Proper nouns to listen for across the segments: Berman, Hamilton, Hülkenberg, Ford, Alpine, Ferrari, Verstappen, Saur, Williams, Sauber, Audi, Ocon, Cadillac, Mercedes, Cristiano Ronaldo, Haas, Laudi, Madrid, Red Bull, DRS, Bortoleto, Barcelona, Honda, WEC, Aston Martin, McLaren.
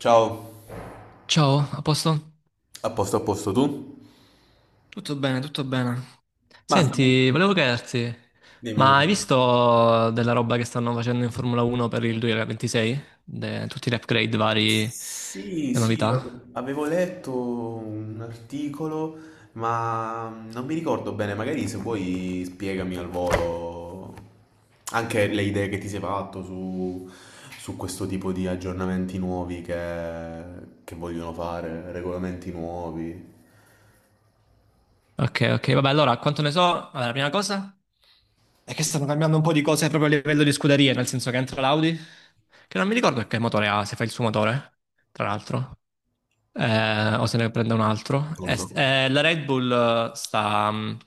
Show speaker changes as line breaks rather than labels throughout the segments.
Ciao,
Ciao, a posto?
a posto, a posto, tu?
Tutto bene, tutto bene.
Ma
Senti, volevo chiederti,
dimmi,
ma
dimmi.
hai visto della roba che stanno facendo in Formula 1 per il 2026? Tutti gli upgrade vari,
Sì,
le
sì,
novità?
avevo letto un articolo, ma non mi ricordo bene, magari se vuoi spiegami al volo anche le idee che ti sei fatto su, su questo tipo di aggiornamenti nuovi che vogliono fare, regolamenti nuovi.
Ok, ok, vabbè, allora, quanto ne so? Allora, la prima cosa è che stanno cambiando un po' di cose proprio a livello di scuderie, nel senso che entra l'Audi, che non mi ricordo che motore ha, se fa il suo motore, tra l'altro. O se ne prende un altro.
Non lo so.
La Red Bull sta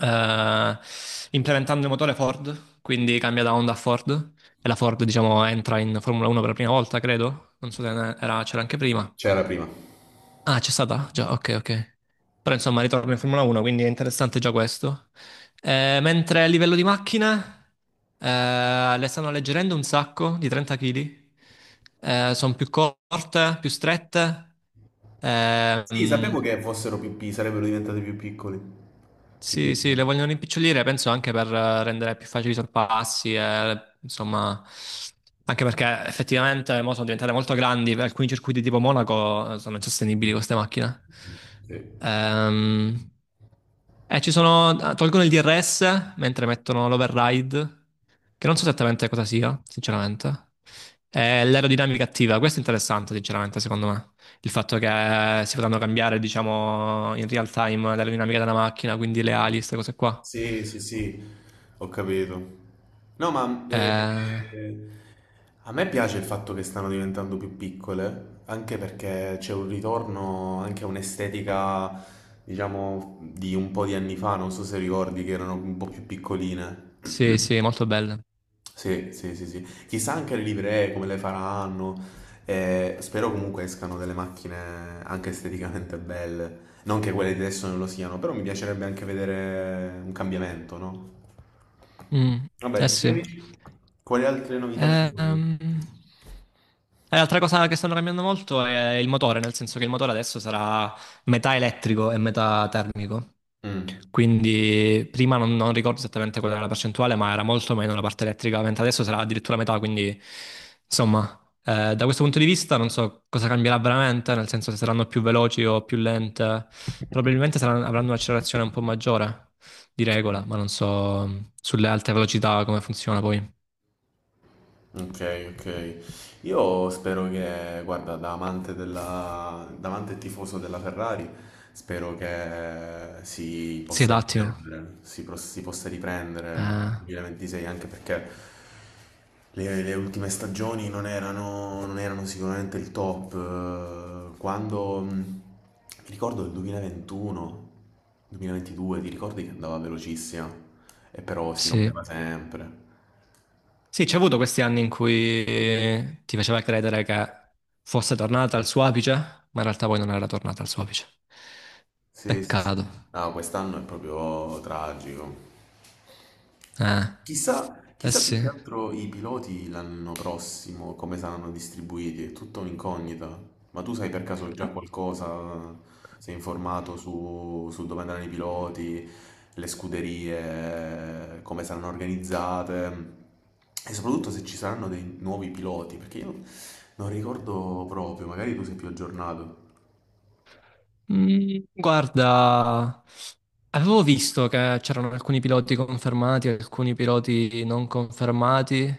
eh, implementando il motore Ford, quindi cambia da Honda a Ford. E la Ford, diciamo, entra in Formula 1 per la prima volta, credo. Non so se ne- era- c'era anche prima.
C'era prima.
Ah, c'è stata? Già, ok, ok. Però insomma, ritorno in Formula 1, quindi è interessante già questo. Mentre a livello di macchine, le stanno alleggerendo un sacco di 30 kg. Sono più corte, più strette.
Sì,
Ehm,
sapevo che fossero più, sarebbero diventati più piccoli. Più
sì, sì, le
piccole.
vogliono rimpicciolire, penso anche per rendere più facili i sorpassi, e, insomma, anche perché effettivamente mo sono diventate molto grandi, per alcuni circuiti tipo Monaco sono insostenibili queste macchine.
Sì,
Ehm, e ci sono, tolgono il DRS mentre mettono l'override, che non so esattamente cosa sia, sinceramente. E l'aerodinamica attiva, questo è interessante, sinceramente, secondo me il fatto che si potranno cambiare, diciamo, in real time l'aerodinamica della macchina, quindi le ali, queste cose qua.
sì, sì, sì, ho capito. No, ma
Eh,
a me piace il fatto che stanno diventando più piccole, anche perché c'è un ritorno anche a un'estetica, diciamo, di un po' di anni fa, non so se ricordi che erano un po' più piccoline.
sì, sì, molto belle.
Sì, sì, sì, sì. Chissà anche le livree come le faranno. Spero comunque escano delle macchine anche esteticamente belle. Non che quelle di adesso non lo siano, però mi piacerebbe anche vedere un cambiamento, no?
Mm,
Vabbè,
eh sì.
dicevi? Quali altre novità ci sono?
Ehm, E l'altra cosa che stanno cambiando molto è il motore, nel senso che il motore adesso sarà metà elettrico e metà termico.
Mm.
Quindi prima non ricordo esattamente qual era la percentuale, ma era molto meno la parte elettrica, mentre adesso sarà addirittura metà, quindi insomma, da questo punto di vista non so cosa cambierà veramente, nel senso se saranno più veloci o più lente, probabilmente avranno un'accelerazione un po' maggiore di regola, ma non so sulle alte velocità come funziona poi.
Ok, ok. Io spero che, guarda, da amante e tifoso della Ferrari, spero che si
Si
possa
adattino.
riprendere, si, si possa riprendere nel
Eh,
2026, anche perché le ultime stagioni non erano sicuramente il top. Quando, mi ricordo il 2021, 2022, ti ricordi che andava velocissima e però si
sì.
rompeva sempre.
Sì, c'è avuto questi anni in cui ti faceva credere che fosse tornata al suo apice, ma in realtà poi non era tornata al suo apice.
Sì, sì, sì.
Peccato.
No, quest'anno è proprio tragico.
Eh,
Chissà,
eh
chissà più
sì.
che altro i piloti l'anno prossimo come saranno distribuiti, è tutta un'incognita. Ma tu sai per caso già qualcosa? Sei informato su, su dove andranno i piloti, le scuderie, come saranno organizzate e soprattutto se ci saranno dei nuovi piloti, perché io non ricordo proprio, magari tu sei più aggiornato.
Guarda, avevo visto che c'erano alcuni piloti confermati, alcuni piloti non confermati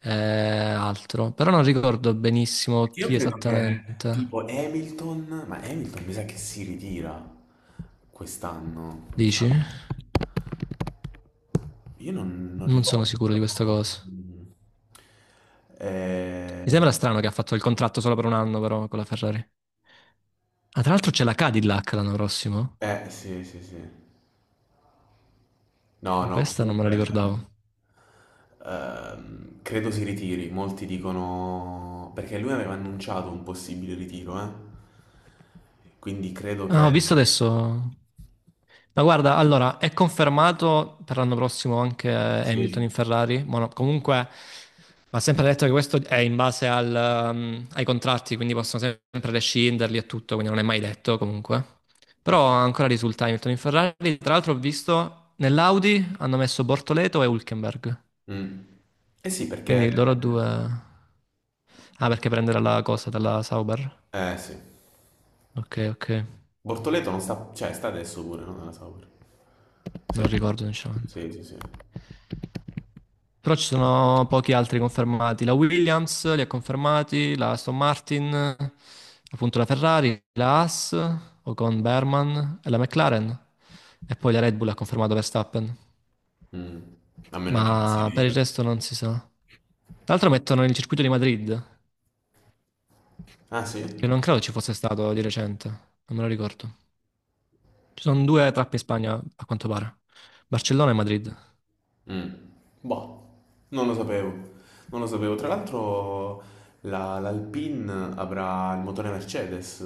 e altro, però non ricordo benissimo
Perché io
chi
credo che
esattamente.
tipo Hamilton, ma Hamilton mi sa che si ritira quest'anno, mi sa.
Dici?
Io non, non
Non sono
ricordo,
sicuro
però...
di questa cosa.
mm,
Mi
eh,
sembra strano che ha fatto il contratto solo per un anno, però, con la Ferrari. Ah, tra l'altro c'è la Cadillac l'anno prossimo.
sì, sì, sì. No, no,
Questa non me la
comunque...
ricordavo.
credo si ritiri, molti dicono... Perché lui aveva annunciato un possibile ritiro, eh? Quindi credo
Ah,
che...
ho visto adesso. Ma guarda, allora, è confermato per l'anno prossimo anche Hamilton in
Sì.
Ferrari. Ma no, comunque, va sempre detto che questo è in base al, ai contratti, quindi possono sempre rescinderli e tutto, quindi non è mai detto comunque. Però ancora risulta Hamilton in Ferrari. Tra l'altro ho visto nell'Audi hanno messo Bortoleto e Hülkenberg.
Mm. Eh sì, perché
Quindi loro due... Ah, perché prendere la cosa dalla Sauber?
eh sì.
Ok, ok,
Bortoleto non sta, cioè sta adesso pure, no? Nella Saur. Sì,
non ricordo sinceramente.
sì, sì, sì.
Però ci sono pochi altri confermati. La Williams li ha confermati, la Aston Martin, appunto la Ferrari, la Haas, Ocon Berman e la McLaren. E poi la Red Bull ha confermato Verstappen.
Mm. A meno che non si
Ma per il
ritira.
resto non si sa. Tra l'altro mettono il circuito di Madrid,
Ah sì?
che non credo ci fosse stato di recente, non me lo ricordo. Ci sono due tappe in Spagna, a quanto pare. Barcellona e Madrid.
Mm. Boh, non lo sapevo. Non lo sapevo. Tra l'altro l'Alpine avrà il motore Mercedes?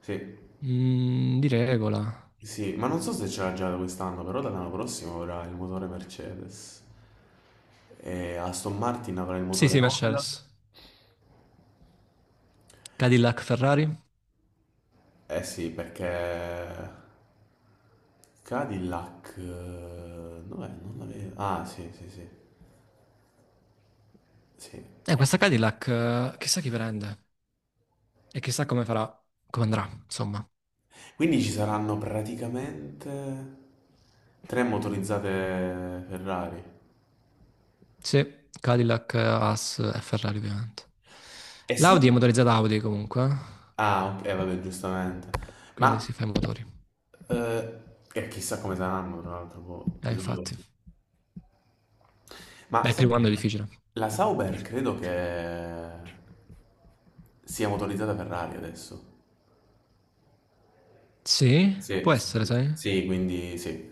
Sì.
Mm, di regola.
Sì, ma non so se ce l'ha già da quest'anno, però dall'anno prossimo avrà il motore Mercedes. E Aston Martin avrà il
Sì,
motore
sì,
Honda.
Mercedes. Cadillac, Ferrari.
Eh sì, perché Cadillac, dov'è? Non la vedo. Ah, sì, sì, sì, sì. Eh,
Questa Cadillac, chissà chi prende e chissà come farà, come andrà, insomma.
quindi ci saranno praticamente tre motorizzate Ferrari.
Sì, Cadillac, Haas e Ferrari, ovviamente.
E sa-
L'Audi è motorizzata Audi, comunque,
Ah, ok, vabbè, giustamente.
quindi
Ma
si fa i motori.
eh, chissà come saranno, tra l'altro, boh, di solito.
Infatti.
Ma
Beh, il
sai
primo
che
anno è difficile.
la Sauber credo che sia motorizzata Ferrari adesso.
Sì, può
Sì, sì,
essere,
sì, sì.
sai?
Sì.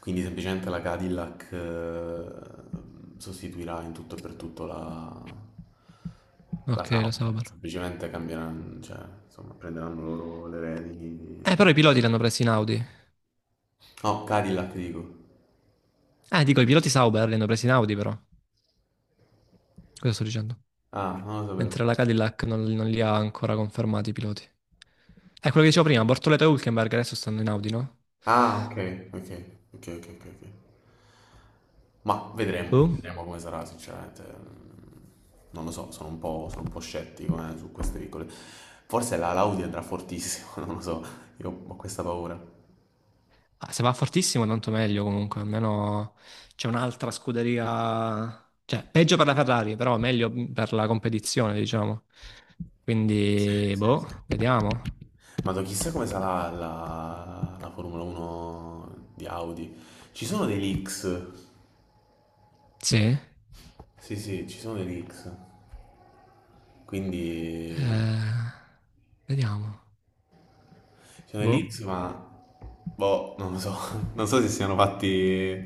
Quindi semplicemente la Cadillac sostituirà in tutto e per tutto la
Ok, lo
Sauber,
Sauber.
semplicemente cambieranno, cioè, insomma, prenderanno loro le redini.
Però i piloti li hanno presi in Audi.
No, Cadillac dico.
Dico, i piloti Sauber li hanno presi in Audi, però. Cosa sto dicendo?
Ah, non lo sapevo.
Mentre la Cadillac non li ha ancora confermati i piloti. È quello che dicevo prima, Bortoleto e Hülkenberg adesso stanno in Audi, no?
Ah, ok, ok, ok, ok, ok, ok. Ma vedremo,
Boom.
vedremo come sarà, sinceramente. Mm, non lo so, sono un po' scettico su queste piccole. Forse la Laudi andrà fortissimo, non lo so, io ho questa paura.
Ah, se va fortissimo tanto meglio comunque, almeno c'è un'altra scuderia, cioè peggio per la Ferrari, però meglio per la competizione, diciamo.
Sì,
Quindi,
sì,
boh,
sì.
vediamo.
Ma chissà come sarà la Formula 1 di Audi. Ci sono dei leaks,
Sì,
sì, sì, ci sono dei leaks. Quindi
vediamo.
ci sono dei
Boh,
leaks, ma boh, non lo so, non so se siano fatti,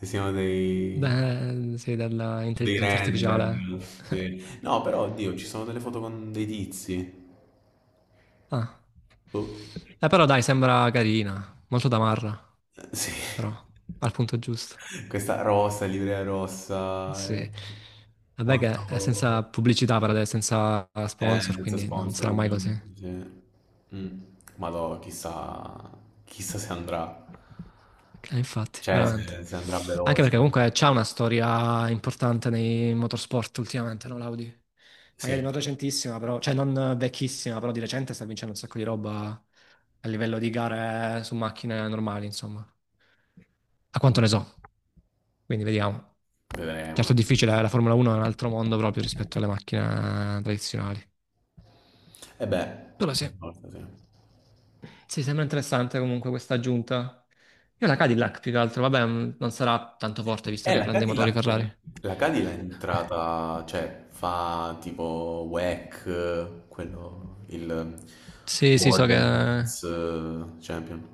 se siano
beh, sì,
dei
dell'intelligenza
render,
artificiale.
sì. No, però, oddio, ci sono delle foto con dei tizi.
Ah.
Boh.
Però dai, sembra carina, molto da Marra.
Sì.
Però al punto giusto.
Questa rossa, livrea rossa,
Sì. Vabbè
molto...
che è senza pubblicità per adesso, senza sponsor,
Senza
quindi non
sponsor,
sarà mai così.
ovviamente. Sì. Mm. Ma no, chissà, chissà se andrà.
Infatti,
Cioè,
veramente.
se andrà
Anche
veloce.
perché comunque c'è una storia importante nei motorsport ultimamente, no, l'Audi?
Sì,
Magari non recentissima, però, cioè non vecchissima, però di recente sta vincendo un sacco di roba a livello di gare su macchine normali, insomma. A quanto
mm,
ne so, quindi vediamo.
vedremo.
Certo è difficile, la Formula 1 è un altro mondo proprio rispetto alle macchine tradizionali.
E beh,
Però
per
sì.
forza, sì.
Sì, sembra interessante comunque questa aggiunta. Io la Cadillac più che altro, vabbè, non sarà tanto forte visto
Eh,
che
la
prende i motori
Cadillac,
Ferrari.
la Cadillac è entrata, cioè fa tipo WEC, quello, il
Sì, sì, so
World
che...
Endurance Champion.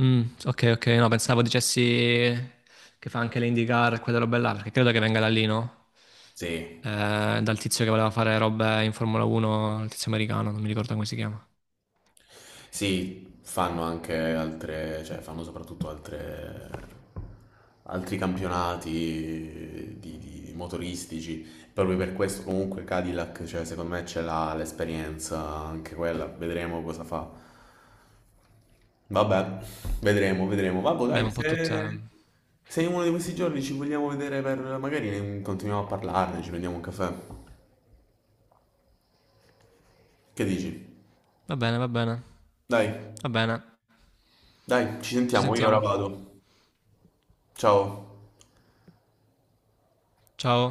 Mm, ok, ok, no, pensavo dicessi che fa anche le IndyCar e quelle robe là, perché credo che venga da lì, no?
Sì,
Dal tizio che voleva fare robe in Formula 1, il tizio americano, non mi ricordo come si chiama.
sì, fanno anche altre, altri campionati di motoristici. Proprio per questo comunque Cadillac, cioè, secondo me ce l'ha l'esperienza anche quella, vedremo cosa fa. Vabbè, vedremo, vedremo. Vabbè,
Beh, ma
dai,
un po' tutte... eh.
se in uno di questi giorni ci vogliamo vedere per... magari continuiamo a parlarne, ci prendiamo un caffè. Che dici?
Va bene, va bene,
Dai,
va bene.
dai, ci
Ci
sentiamo, io ora
sentiamo.
vado. Ciao.
Ciao.